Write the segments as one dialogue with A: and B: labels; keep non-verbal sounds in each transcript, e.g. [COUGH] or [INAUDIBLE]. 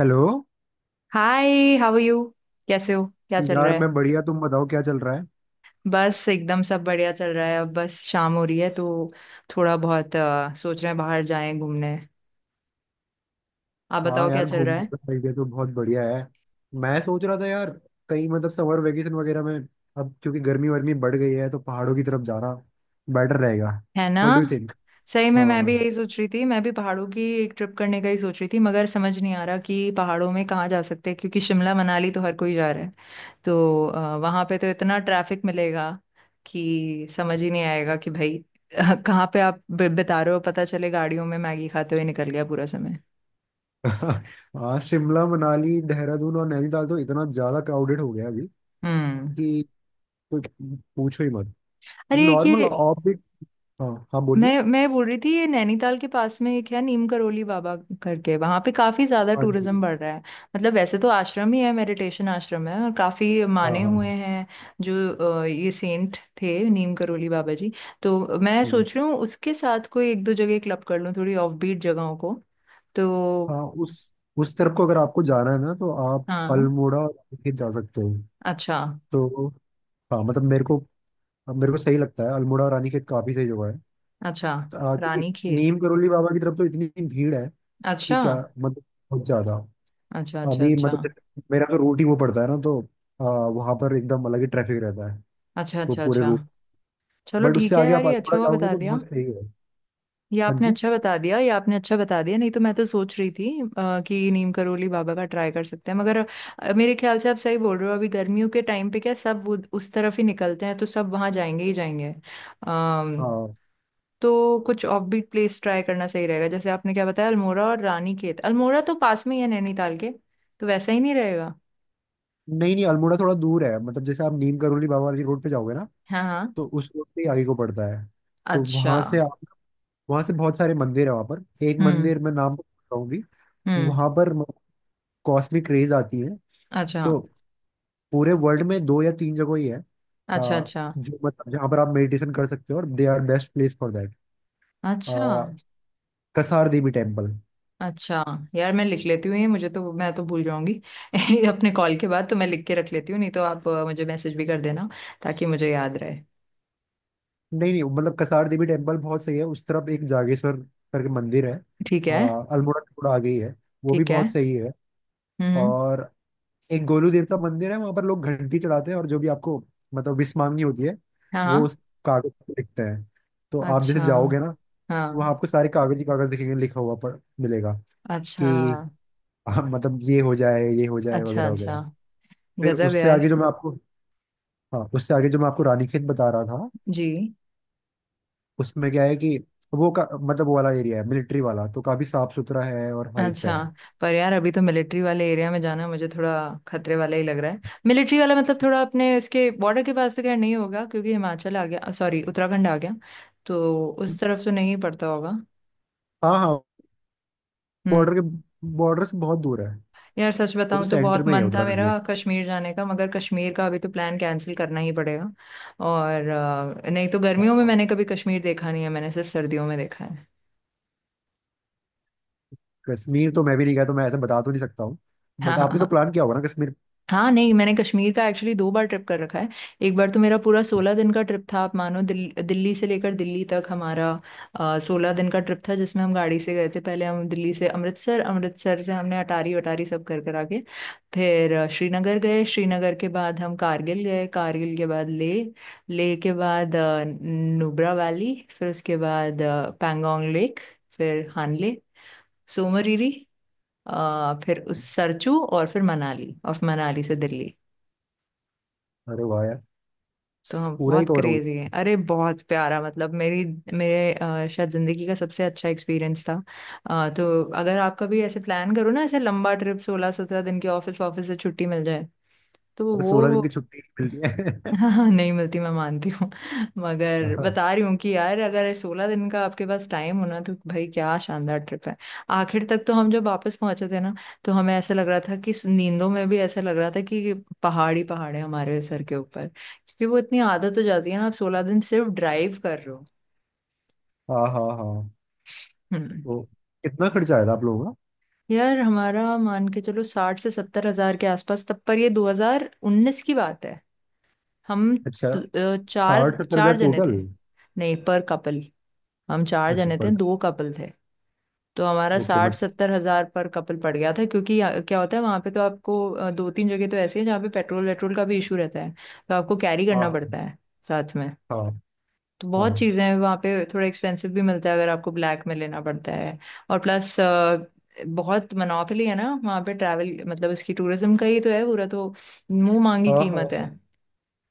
A: Hello.
B: Hi how are you. कैसे हो, क्या चल
A: यार
B: रहा है?
A: मैं बढ़िया। तुम बताओ क्या चल रहा है।
B: बस एकदम सब बढ़िया चल रहा है। अब बस शाम हो रही है, तो थोड़ा बहुत सोच रहे हैं बाहर जाएं घूमने। आप
A: हाँ
B: बताओ क्या
A: यार,
B: चल रहा
A: घूमने
B: है?
A: का आइडिया तो बहुत बढ़िया है। मैं सोच रहा था यार, कहीं मतलब समर वेकेशन वगैरह में, अब क्योंकि गर्मी वर्मी बढ़ गई है तो पहाड़ों की तरफ जाना बेटर रहेगा।
B: है ना।
A: What do you think?
B: सही में मैं भी
A: हाँ।
B: यही सोच रही थी, मैं भी पहाड़ों की एक ट्रिप करने का ही सोच रही थी, मगर समझ नहीं आ रहा कि पहाड़ों में कहाँ जा सकते हैं, क्योंकि शिमला मनाली तो हर कोई जा रहा है। तो वहाँ पे तो इतना ट्रैफिक मिलेगा कि समझ ही नहीं आएगा कि भाई [LAUGHS] कहाँ पे आप बिता रहे हो। पता चले गाड़ियों में मैगी खाते हुए निकल गया पूरा समय।
A: [LAUGHS] हाँ, शिमला मनाली देहरादून और नैनीताल तो इतना ज्यादा क्राउडेड हो गया अभी
B: हम्म।
A: कि कोई पूछो ही मत।
B: अरे एक
A: नॉर्मल
B: ये,
A: ऑर्बिट। हाँ हाँ, बोलिए।
B: मैं बोल रही थी, ये नैनीताल के पास में एक है नीम करोली बाबा करके, वहां पे काफी ज्यादा
A: हाँ जी।
B: टूरिज्म बढ़ रहा है। मतलब वैसे तो आश्रम ही है, मेडिटेशन आश्रम है, और काफी
A: हाँ
B: माने
A: हाँ
B: हुए
A: हाँ।
B: हैं जो ये सेंट थे नीम करोली बाबा जी। तो मैं
A: जी।
B: सोच रही हूँ उसके साथ कोई एक दो जगह क्लब कर लूँ, थोड़ी ऑफ बीट जगहों को। तो
A: हाँ, उस तरफ को अगर आपको जाना है ना तो आप
B: हाँ।
A: अल्मोड़ा और फिर जा सकते हो।
B: अच्छा।
A: तो हाँ, मतलब मेरे को सही लगता है, अल्मोड़ा और रानीखेत काफी सही जगह है।
B: अच्छा।
A: तो, क्योंकि
B: रानी खेत।
A: नीम करोली बाबा की तरफ तो इतनी भीड़ है कि
B: अच्छा,
A: क्या मतलब, बहुत ज्यादा।
B: अच्छा, अच्छा।
A: अभी
B: अच्छा,
A: मतलब मेरा तो रूट ही वो पड़ता है ना तो वहां पर एकदम अलग ही ट्रैफिक रहता है,
B: अच्छा,
A: वो
B: अच्छा,
A: पूरे
B: अच्छा।
A: रूट।
B: चलो
A: बट उससे
B: ठीक है
A: आगे
B: यार,
A: आप
B: ये अच्छा
A: अल्मोड़ा
B: हुआ
A: जाओगे
B: बता
A: तो
B: दिया।
A: बहुत सही है।
B: ये
A: हाँ
B: आपने
A: जी।
B: अच्छा बता दिया, ये आपने अच्छा बता दिया, नहीं तो मैं तो सोच रही थी कि नीम करोली बाबा का ट्राई कर सकते हैं, मगर मेरे ख्याल से आप सही बोल रहे हो। अभी गर्मियों के टाइम पे क्या सब उस तरफ ही निकलते हैं, तो सब वहां जाएंगे ही जाएंगे। अम्म
A: हाँ।
B: तो कुछ ऑफबीट प्लेस ट्राई करना सही रहेगा, जैसे आपने क्या बताया, अल्मोड़ा और रानीखेत। अल्मोड़ा तो पास में ही है नैनीताल के, तो वैसा ही नहीं रहेगा?
A: नहीं नहीं, अल्मोड़ा थोड़ा दूर है। मतलब जैसे आप नीम करोली बाबा वाली रोड पे जाओगे ना,
B: हाँ हाँ।
A: तो उस रोड पे ही आगे को पड़ता है। तो
B: अच्छा।
A: वहां से बहुत सारे मंदिर है। वहां पर एक
B: हम्म
A: मंदिर मैं नाम बताऊंगी।
B: हम्म।
A: वहां पर कॉस्टली क्रेज आती है।
B: अच्छा,
A: तो पूरे वर्ल्ड में 2 या 3 जगह ही है
B: अच्छा,
A: आ,
B: अच्छा।
A: जो, मतलब जहाँ पर आप मेडिटेशन कर सकते हो, और they are best place for that.
B: अच्छा,
A: कसार देवी टेम्पल।
B: अच्छा। यार मैं लिख लेती हूँ, ये मुझे तो मैं तो भूल जाऊंगी [LAUGHS] अपने कॉल के बाद, तो मैं लिख के रख लेती हूँ, नहीं तो आप मुझे मैसेज भी कर देना, ताकि मुझे याद रहे।
A: नहीं नहीं, मतलब कसार देवी टेम्पल बहुत सही है। उस तरफ एक जागेश्वर करके मंदिर है,
B: ठीक है।
A: अल्मोड़ा से थोड़ा आगे ही है, वो भी
B: ठीक है।
A: बहुत सही है।
B: हम्म हम्म।
A: और एक गोलू देवता मंदिर है, वहाँ पर लोग घंटी चढ़ाते हैं और जो भी आपको मतलब विश मांगनी होती है
B: हाँ
A: वो
B: हाँ।
A: उस कागज पे लिखते हैं। तो आप जैसे
B: अच्छा।
A: जाओगे ना, तो
B: हाँ।
A: वहाँ आपको सारे कागज ही कागज दिखेंगे, लिखा हुआ पर मिलेगा
B: अच्छा,
A: कि हाँ, मतलब ये हो जाए
B: अच्छा,
A: वगैरह वगैरह।
B: अच्छा।
A: फिर
B: गजब
A: उससे
B: यार।
A: आगे जो मैं आपको हाँ, उससे आगे जो मैं आपको रानीखेत बता रहा था,
B: जी।
A: उसमें क्या है कि वो, का मतलब वो वाला एरिया है मिलिट्री वाला, तो काफी साफ सुथरा है और हाइट पे
B: अच्छा।
A: है।
B: पर यार, अभी तो मिलिट्री वाले एरिया में जाना मुझे थोड़ा खतरे वाला ही लग रहा है। मिलिट्री वाला मतलब थोड़ा अपने इसके बॉर्डर के पास, तो खैर नहीं होगा, क्योंकि हिमाचल आ गया, सॉरी उत्तराखंड आ गया, तो उस तरफ तो नहीं पड़ता होगा।
A: हाँ हाँ।
B: हम्म।
A: बॉर्डर के बॉर्डर से बहुत दूर है।
B: यार सच
A: वो तो
B: बताऊं तो
A: सेंटर
B: बहुत
A: में ही है
B: मन था
A: उत्तराखंड के।
B: मेरा कश्मीर जाने का, मगर कश्मीर का अभी तो प्लान कैंसिल करना ही पड़ेगा। और नहीं तो गर्मियों में
A: हाँ।
B: मैंने कभी कश्मीर देखा नहीं है, मैंने सिर्फ सर्दियों में देखा है।
A: कश्मीर तो मैं भी नहीं गया, तो मैं ऐसे बता तो नहीं सकता हूँ।
B: [LAUGHS]
A: बट आपने तो
B: हाँ
A: प्लान किया होगा ना कश्मीर?
B: हाँ। नहीं मैंने कश्मीर का एक्चुअली दो बार ट्रिप कर रखा है। एक बार तो मेरा पूरा 16 दिन का ट्रिप था। आप मानो, दिल्ली से लेकर दिल्ली तक हमारा 16 दिन का ट्रिप था, जिसमें हम गाड़ी से गए थे। पहले हम दिल्ली से अमृतसर, अमृतसर से हमने अटारी वटारी सब कर कर आके, फिर श्रीनगर गए, श्रीनगर के बाद हम कारगिल गए, कारगिल के बाद ले, ले के बाद नुब्रा वैली, फिर उसके बाद पैंगोंग लेक, फिर हानले, सोमरीरी, फिर उस सरचू, और फिर मनाली, और फिर मनाली से दिल्ली।
A: अरे वाह यार,
B: तो हम
A: पूरा ही
B: बहुत
A: कवर हो
B: क्रेजी है,
A: गया।
B: अरे बहुत प्यारा। मतलब मेरी, मेरे शायद जिंदगी का सबसे अच्छा एक्सपीरियंस था। तो अगर आप कभी ऐसे प्लान करो ना, ऐसे लंबा ट्रिप 16 17 दिन की, ऑफिस ऑफिस से छुट्टी मिल जाए, तो
A: अरे 16 दिन की
B: वो।
A: छुट्टी मिलती है?
B: [LAUGHS] हाँ हाँ, नहीं मिलती, मैं मानती हूँ,
A: [LAUGHS]
B: मगर
A: हाँ
B: बता रही हूँ कि यार अगर 16 दिन का आपके पास टाइम हो ना, तो भाई क्या शानदार ट्रिप है। आखिर तक तो हम जब वापस पहुंचे थे ना, तो हमें ऐसा लग रहा था, कि नींदों में भी ऐसा लग रहा था कि पहाड़ ही पहाड़ है हमारे सर के ऊपर, क्योंकि वो इतनी आदत हो जाती है ना, आप 16 दिन सिर्फ ड्राइव कर रहे हो।
A: हाँ हाँ हाँ।
B: हम्म।
A: तो कितना खर्चा आया था आप लोगों?
B: यार हमारा मान के चलो 60 से 70 हजार के आसपास, तब पर, ये 2019 की बात है। हम
A: अच्छा,
B: चार
A: 60-70 हजार
B: चार जने
A: टोटल?
B: थे। नहीं पर कपल, हम चार
A: अच्छा
B: जने थे,
A: पर,
B: दो कपल थे। तो हमारा
A: ओके।
B: साठ
A: मत।
B: सत्तर हजार पर कपल पड़ गया था। क्योंकि क्या होता है, वहां पे तो आपको दो तीन जगह तो ऐसी है जहाँ पे पेट्रोल वेट्रोल का भी इशू रहता है, तो आपको कैरी करना
A: हाँ
B: पड़ता है साथ में।
A: हाँ
B: तो बहुत
A: हाँ
B: चीज़ें हैं वहाँ पे, थोड़ा एक्सपेंसिव भी मिलता है, अगर आपको ब्लैक में लेना पड़ता है। और प्लस बहुत मोनोपोली है ना वहाँ पे ट्रैवल। मतलब इसकी टूरिज्म का ही तो है पूरा, तो मुंह मांगी
A: हाँ हाँ
B: कीमत है।
A: हाँ।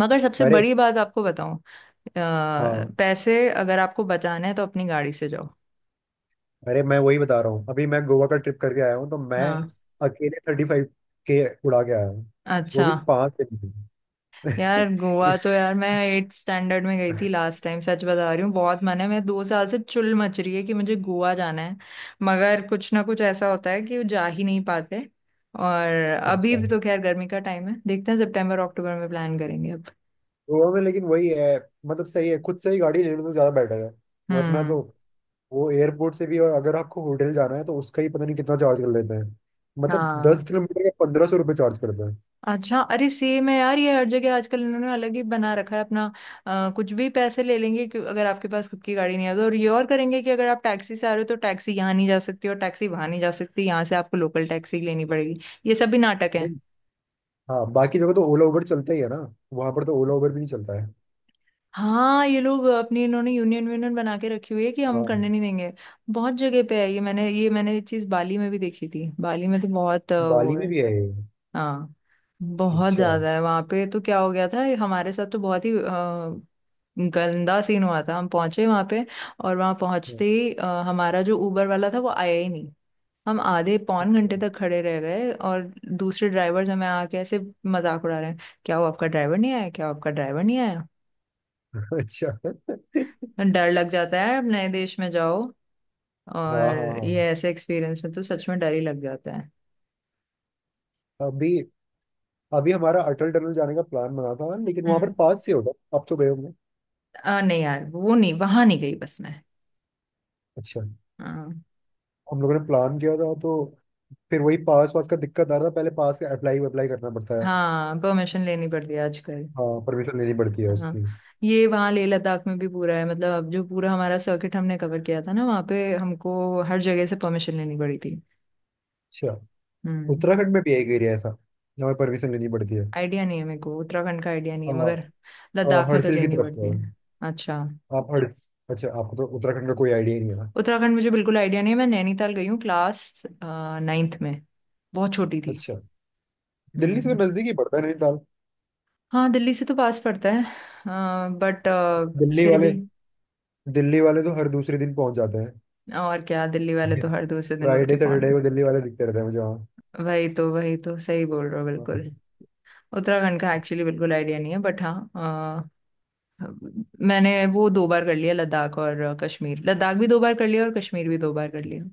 B: मगर सबसे
A: अरे।
B: बड़ी बात आपको बताऊं,
A: हाँ।
B: पैसे अगर आपको बचाने हैं तो अपनी गाड़ी से जाओ।
A: अरे मैं वही बता रहा हूँ, अभी मैं गोवा का ट्रिप करके आया हूँ तो मैं
B: हाँ।
A: अकेले 35 के उड़ा के आया हूँ। वो
B: अच्छा।
A: भी 5 दिन में।
B: यार
A: [LAUGHS]
B: गोवा
A: इस
B: तो यार मैं एट स्टैंडर्ड में गई थी लास्ट टाइम, सच बता रही हूँ। बहुत मन है, मैं 2 साल से चुल मच रही है कि मुझे गोवा जाना है, मगर कुछ ना कुछ ऐसा होता है कि वो जा ही नहीं पाते। और अभी
A: अच्छा,
B: भी तो खैर गर्मी का टाइम है, देखते हैं सितंबर अक्टूबर में प्लान करेंगे अब।
A: गोवा में लेकिन वही है, मतलब सही है खुद से ही गाड़ी लेने तो, ज़्यादा बेटर है। वरना तो
B: हम्म।
A: वो एयरपोर्ट से भी, और अगर आपको होटल जाना है तो उसका ही पता नहीं कितना चार्ज कर लेते हैं। मतलब दस
B: हाँ।
A: किलोमीटर का 1500 रुपये चार्ज करते
B: अच्छा। अरे सेम है यार, ये हर जगह आजकल इन्होंने अलग ही बना रखा है अपना। कुछ भी पैसे ले लेंगे, क्यों? अगर आपके पास खुद की गाड़ी नहीं है तो। और ये और करेंगे कि अगर आप टैक्सी से आ रहे हो, तो टैक्सी यहाँ नहीं जा सकती और टैक्सी वहां नहीं जा सकती, यहाँ से आपको लोकल टैक्सी लेनी पड़ेगी। ये सब भी नाटक
A: हैं।
B: है।
A: हाँ, बाकी जगह तो ओला उबर चलता ही है ना। वहां पर तो ओला उबर भी नहीं चलता है।
B: हाँ, ये लोग अपनी इन्होंने यूनियन यूनियन बना के रखी हुई है कि हम करने
A: हाँ,
B: नहीं देंगे। बहुत जगह पे है ये मैंने ये चीज बाली में भी देखी थी। बाली में तो बहुत वो
A: बाली में
B: है।
A: भी है ये?
B: हाँ, बहुत
A: अच्छा
B: ज्यादा है वहां पे। तो क्या हो गया था हमारे साथ, तो बहुत ही गंदा सीन हुआ था। हम पहुंचे वहां पे, और वहां पहुंचते ही हमारा जो उबर वाला था वो आया ही नहीं। हम आधे पौन
A: अच्छा।
B: घंटे तक खड़े रह गए, और दूसरे ड्राइवर्स हमें आके ऐसे मजाक उड़ा रहे हैं, क्या वो आपका ड्राइवर नहीं आया, क्या वो आपका ड्राइवर नहीं आया।
A: [LAUGHS] अच्छा।
B: तो डर लग जाता है, अब नए देश में जाओ,
A: हाँ हाँ
B: और ये
A: हाँ।
B: ऐसे एक्सपीरियंस में तो सच में डर ही लग जाता है।
A: अभी अभी हमारा अटल टनल जाने का प्लान बना था, लेकिन वहां पर
B: हम्म।
A: पास से होगा, अब तो गए होंगे।
B: नहीं यार, वो नहीं, वहां नहीं गई बस मैं।
A: अच्छा,
B: हाँ।
A: हम लोगों ने प्लान किया था, तो फिर वही पास वास का दिक्कत आ रहा था। पहले पास का अप्लाई अप्लाई करना पड़ता है।
B: हाँ परमिशन लेनी पड़ती है आजकल।
A: हाँ, परमिशन लेनी पड़ती है
B: हाँ,
A: उसकी।
B: ये वहाँ लेह लद्दाख में भी पूरा है। मतलब अब जो पूरा हमारा सर्किट हमने कवर किया था ना, वहाँ पे हमको हर जगह से परमिशन लेनी पड़ी थी।
A: अच्छा,
B: हम्म।
A: उत्तराखंड में भी है एक एरिया ऐसा जहाँ परमिशन लेनी पड़ती है।
B: आइडिया नहीं है मेरे को, उत्तराखंड का आइडिया नहीं है
A: हाँ,
B: मगर लद्दाख में तो
A: हर्सिल की
B: लेनी
A: तरफ है।
B: पड़ती है। अच्छा।
A: आप हर अच्छा, आपको तो उत्तराखंड का कोई आइडिया ही नहीं है ना?
B: उत्तराखंड मुझे बिल्कुल आइडिया नहीं है। मैं नैनीताल गई हूँ क्लास 9th में, बहुत छोटी थी।
A: अच्छा, दिल्ली से
B: हम्म।
A: तो नजदीक ही पड़ता है नैनीताल।
B: हाँ दिल्ली से तो पास पड़ता है, बट
A: दिल्ली
B: फिर
A: वाले
B: भी।
A: दिल्ली वाले तो हर दूसरे दिन पहुंच जाते
B: और क्या, दिल्ली वाले
A: हैं।
B: तो हर दूसरे दिन उठ के
A: फ्राइडे
B: पहुंच।
A: सैटरडे को दिल्ली वाले दिखते रहते हैं मुझे।
B: वही तो, वही तो, सही बोल रहे हो बिल्कुल।
A: वहाँ
B: उत्तराखंड का एक्चुअली बिल्कुल आइडिया नहीं है, बट हाँ मैंने वो दो बार कर लिया, लद्दाख और कश्मीर, लद्दाख भी दो बार कर लिया और कश्मीर भी दो बार कर लिया।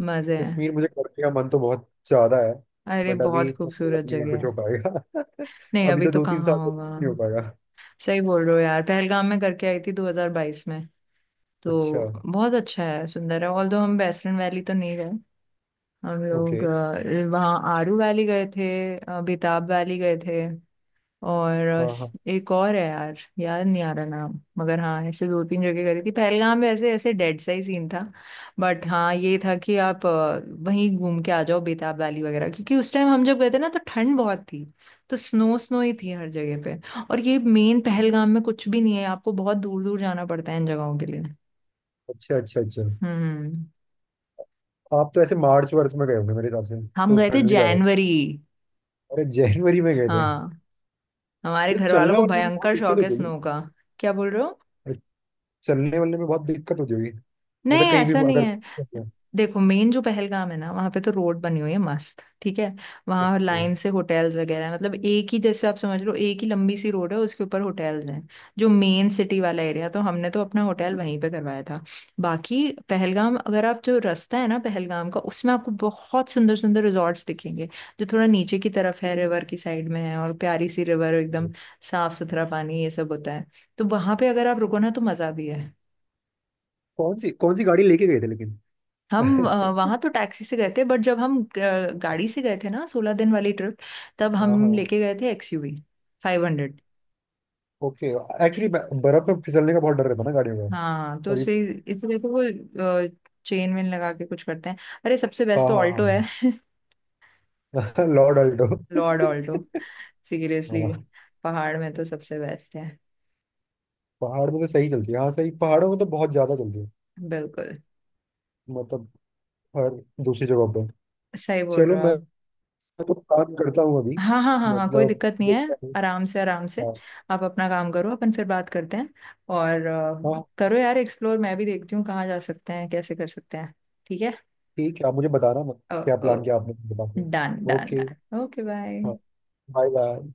B: मजे हैं।
A: कश्मीर मुझे करने का मन तो बहुत ज्यादा है।
B: अरे
A: बट
B: बहुत
A: अभी तो मुझे लग
B: खूबसूरत
A: नहीं रहा
B: जगह
A: कुछ हो
B: है।
A: पाएगा।
B: नहीं
A: [LAUGHS] अभी
B: अभी
A: तो
B: तो
A: दो तीन
B: कहाँ
A: साल तक
B: होगा।
A: कुछ नहीं हो पाएगा।
B: सही बोल रहे हो यार, पहलगाम में करके आई थी 2022 में।
A: अच्छा।
B: तो बहुत अच्छा है, सुंदर है। ऑल्दो हम बेसरन वैली तो नहीं गए। हम
A: ओके।
B: लोग वहाँ आरू वैली गए थे, बेताब वैली गए थे, और
A: हाँ हाँ।
B: एक और है यार, याद नहीं आ रहा नाम, मगर हाँ, ऐसे दो तीन जगह करी थी पहलगाम में। ऐसे ऐसे डेड सा ही सीन था, बट हाँ ये था कि आप वहीं घूम के आ जाओ बेताब वैली वगैरह, क्योंकि उस टाइम हम जब गए थे ना, तो ठंड बहुत थी, तो स्नो स्नो ही थी हर जगह पे। और ये मेन पहलगाम में कुछ भी नहीं है, आपको बहुत दूर दूर जाना पड़ता है इन जगहों के लिए।
A: अच्छा अच्छा अच्छा।
B: हम्म।
A: आप तो ऐसे मार्च वर्च में गए होंगे मेरे हिसाब से,
B: हम
A: तो
B: गए थे
A: ठंड भी ज्यादा हो।
B: जनवरी।
A: अरे, जनवरी में गए थे?
B: हाँ, हमारे
A: फिर तो
B: घर वालों
A: चलना
B: को
A: वलना भी बहुत
B: भयंकर
A: दिक्कत
B: शौक है
A: होती
B: स्नो का। क्या बोल रहे हो?
A: है। चलने वलने में बहुत दिक्कत होती होगी,
B: नहीं
A: मतलब कहीं भी
B: ऐसा
A: वो
B: नहीं
A: अगर।
B: है। देखो मेन जो पहलगाम है ना, वहां पे तो रोड बनी हुई है मस्त, ठीक है। वहां
A: ओके,
B: लाइन से होटल्स वगैरह हैं। मतलब एक ही, जैसे आप समझ लो एक ही लंबी सी रोड है, उसके ऊपर होटल्स हैं जो मेन सिटी वाला एरिया, तो हमने तो अपना होटल वहीं पे करवाया था। बाकी पहलगाम, अगर आप जो रास्ता है ना पहलगाम का, उसमें आपको बहुत सुंदर सुंदर रिजॉर्ट्स दिखेंगे, जो थोड़ा नीचे की तरफ है, रिवर की साइड में है, और प्यारी सी रिवर एकदम साफ सुथरा पानी, ये सब होता है। तो वहां पे अगर आप रुको ना, तो मजा भी है।
A: कौन सी गाड़ी लेके गए थे लेकिन?
B: हम
A: [LAUGHS]
B: वहां तो टैक्सी से गए थे, बट जब हम गाड़ी से गए थे ना 16 दिन वाली ट्रिप, तब
A: हाँ
B: हम
A: हाँ।
B: लेके गए थे एक्सयूवी 500।
A: ओके। एक्चुअली बर्फ में फिसलने का बहुत डर रहता ना गाड़ियों का,
B: हाँ तो
A: तभी।
B: उसमें, इसलिए तो वो चेन वेन लगा के कुछ करते हैं। अरे सबसे
A: हाँ
B: बेस्ट तो ऑल्टो है।
A: हाँ
B: [LAUGHS]
A: हाँ। [LAUGHS] Lord
B: lord
A: Alto.
B: Alto. Seriously,
A: हाँ,
B: पहाड़ में तो सबसे बेस्ट है।
A: पहाड़ में तो सही चलती है। हाँ सही, पहाड़ों में तो बहुत ज्यादा चलती है।
B: बिल्कुल
A: मतलब हर दूसरी जगह पर।
B: सही बोल रहे
A: चलो
B: हो
A: मैं
B: आप।
A: तो काम करता हूँ अभी।
B: हाँ हाँ हाँ हाँ, कोई
A: मतलब
B: दिक्कत नहीं है।
A: देखता हूँ।
B: आराम से, आराम से।
A: हाँ
B: आप अपना काम करो, अपन फिर बात करते हैं। और
A: हाँ
B: करो यार एक्सप्लोर, मैं भी देखती हूँ कहाँ जा सकते हैं, कैसे कर सकते हैं। ठीक है।
A: ठीक है। आप मुझे बताना मत
B: ओ,
A: क्या
B: ओ,
A: प्लान किया आपने बताते।
B: Done done
A: okay.
B: Done, okay bye.
A: हाँ। Bye bye.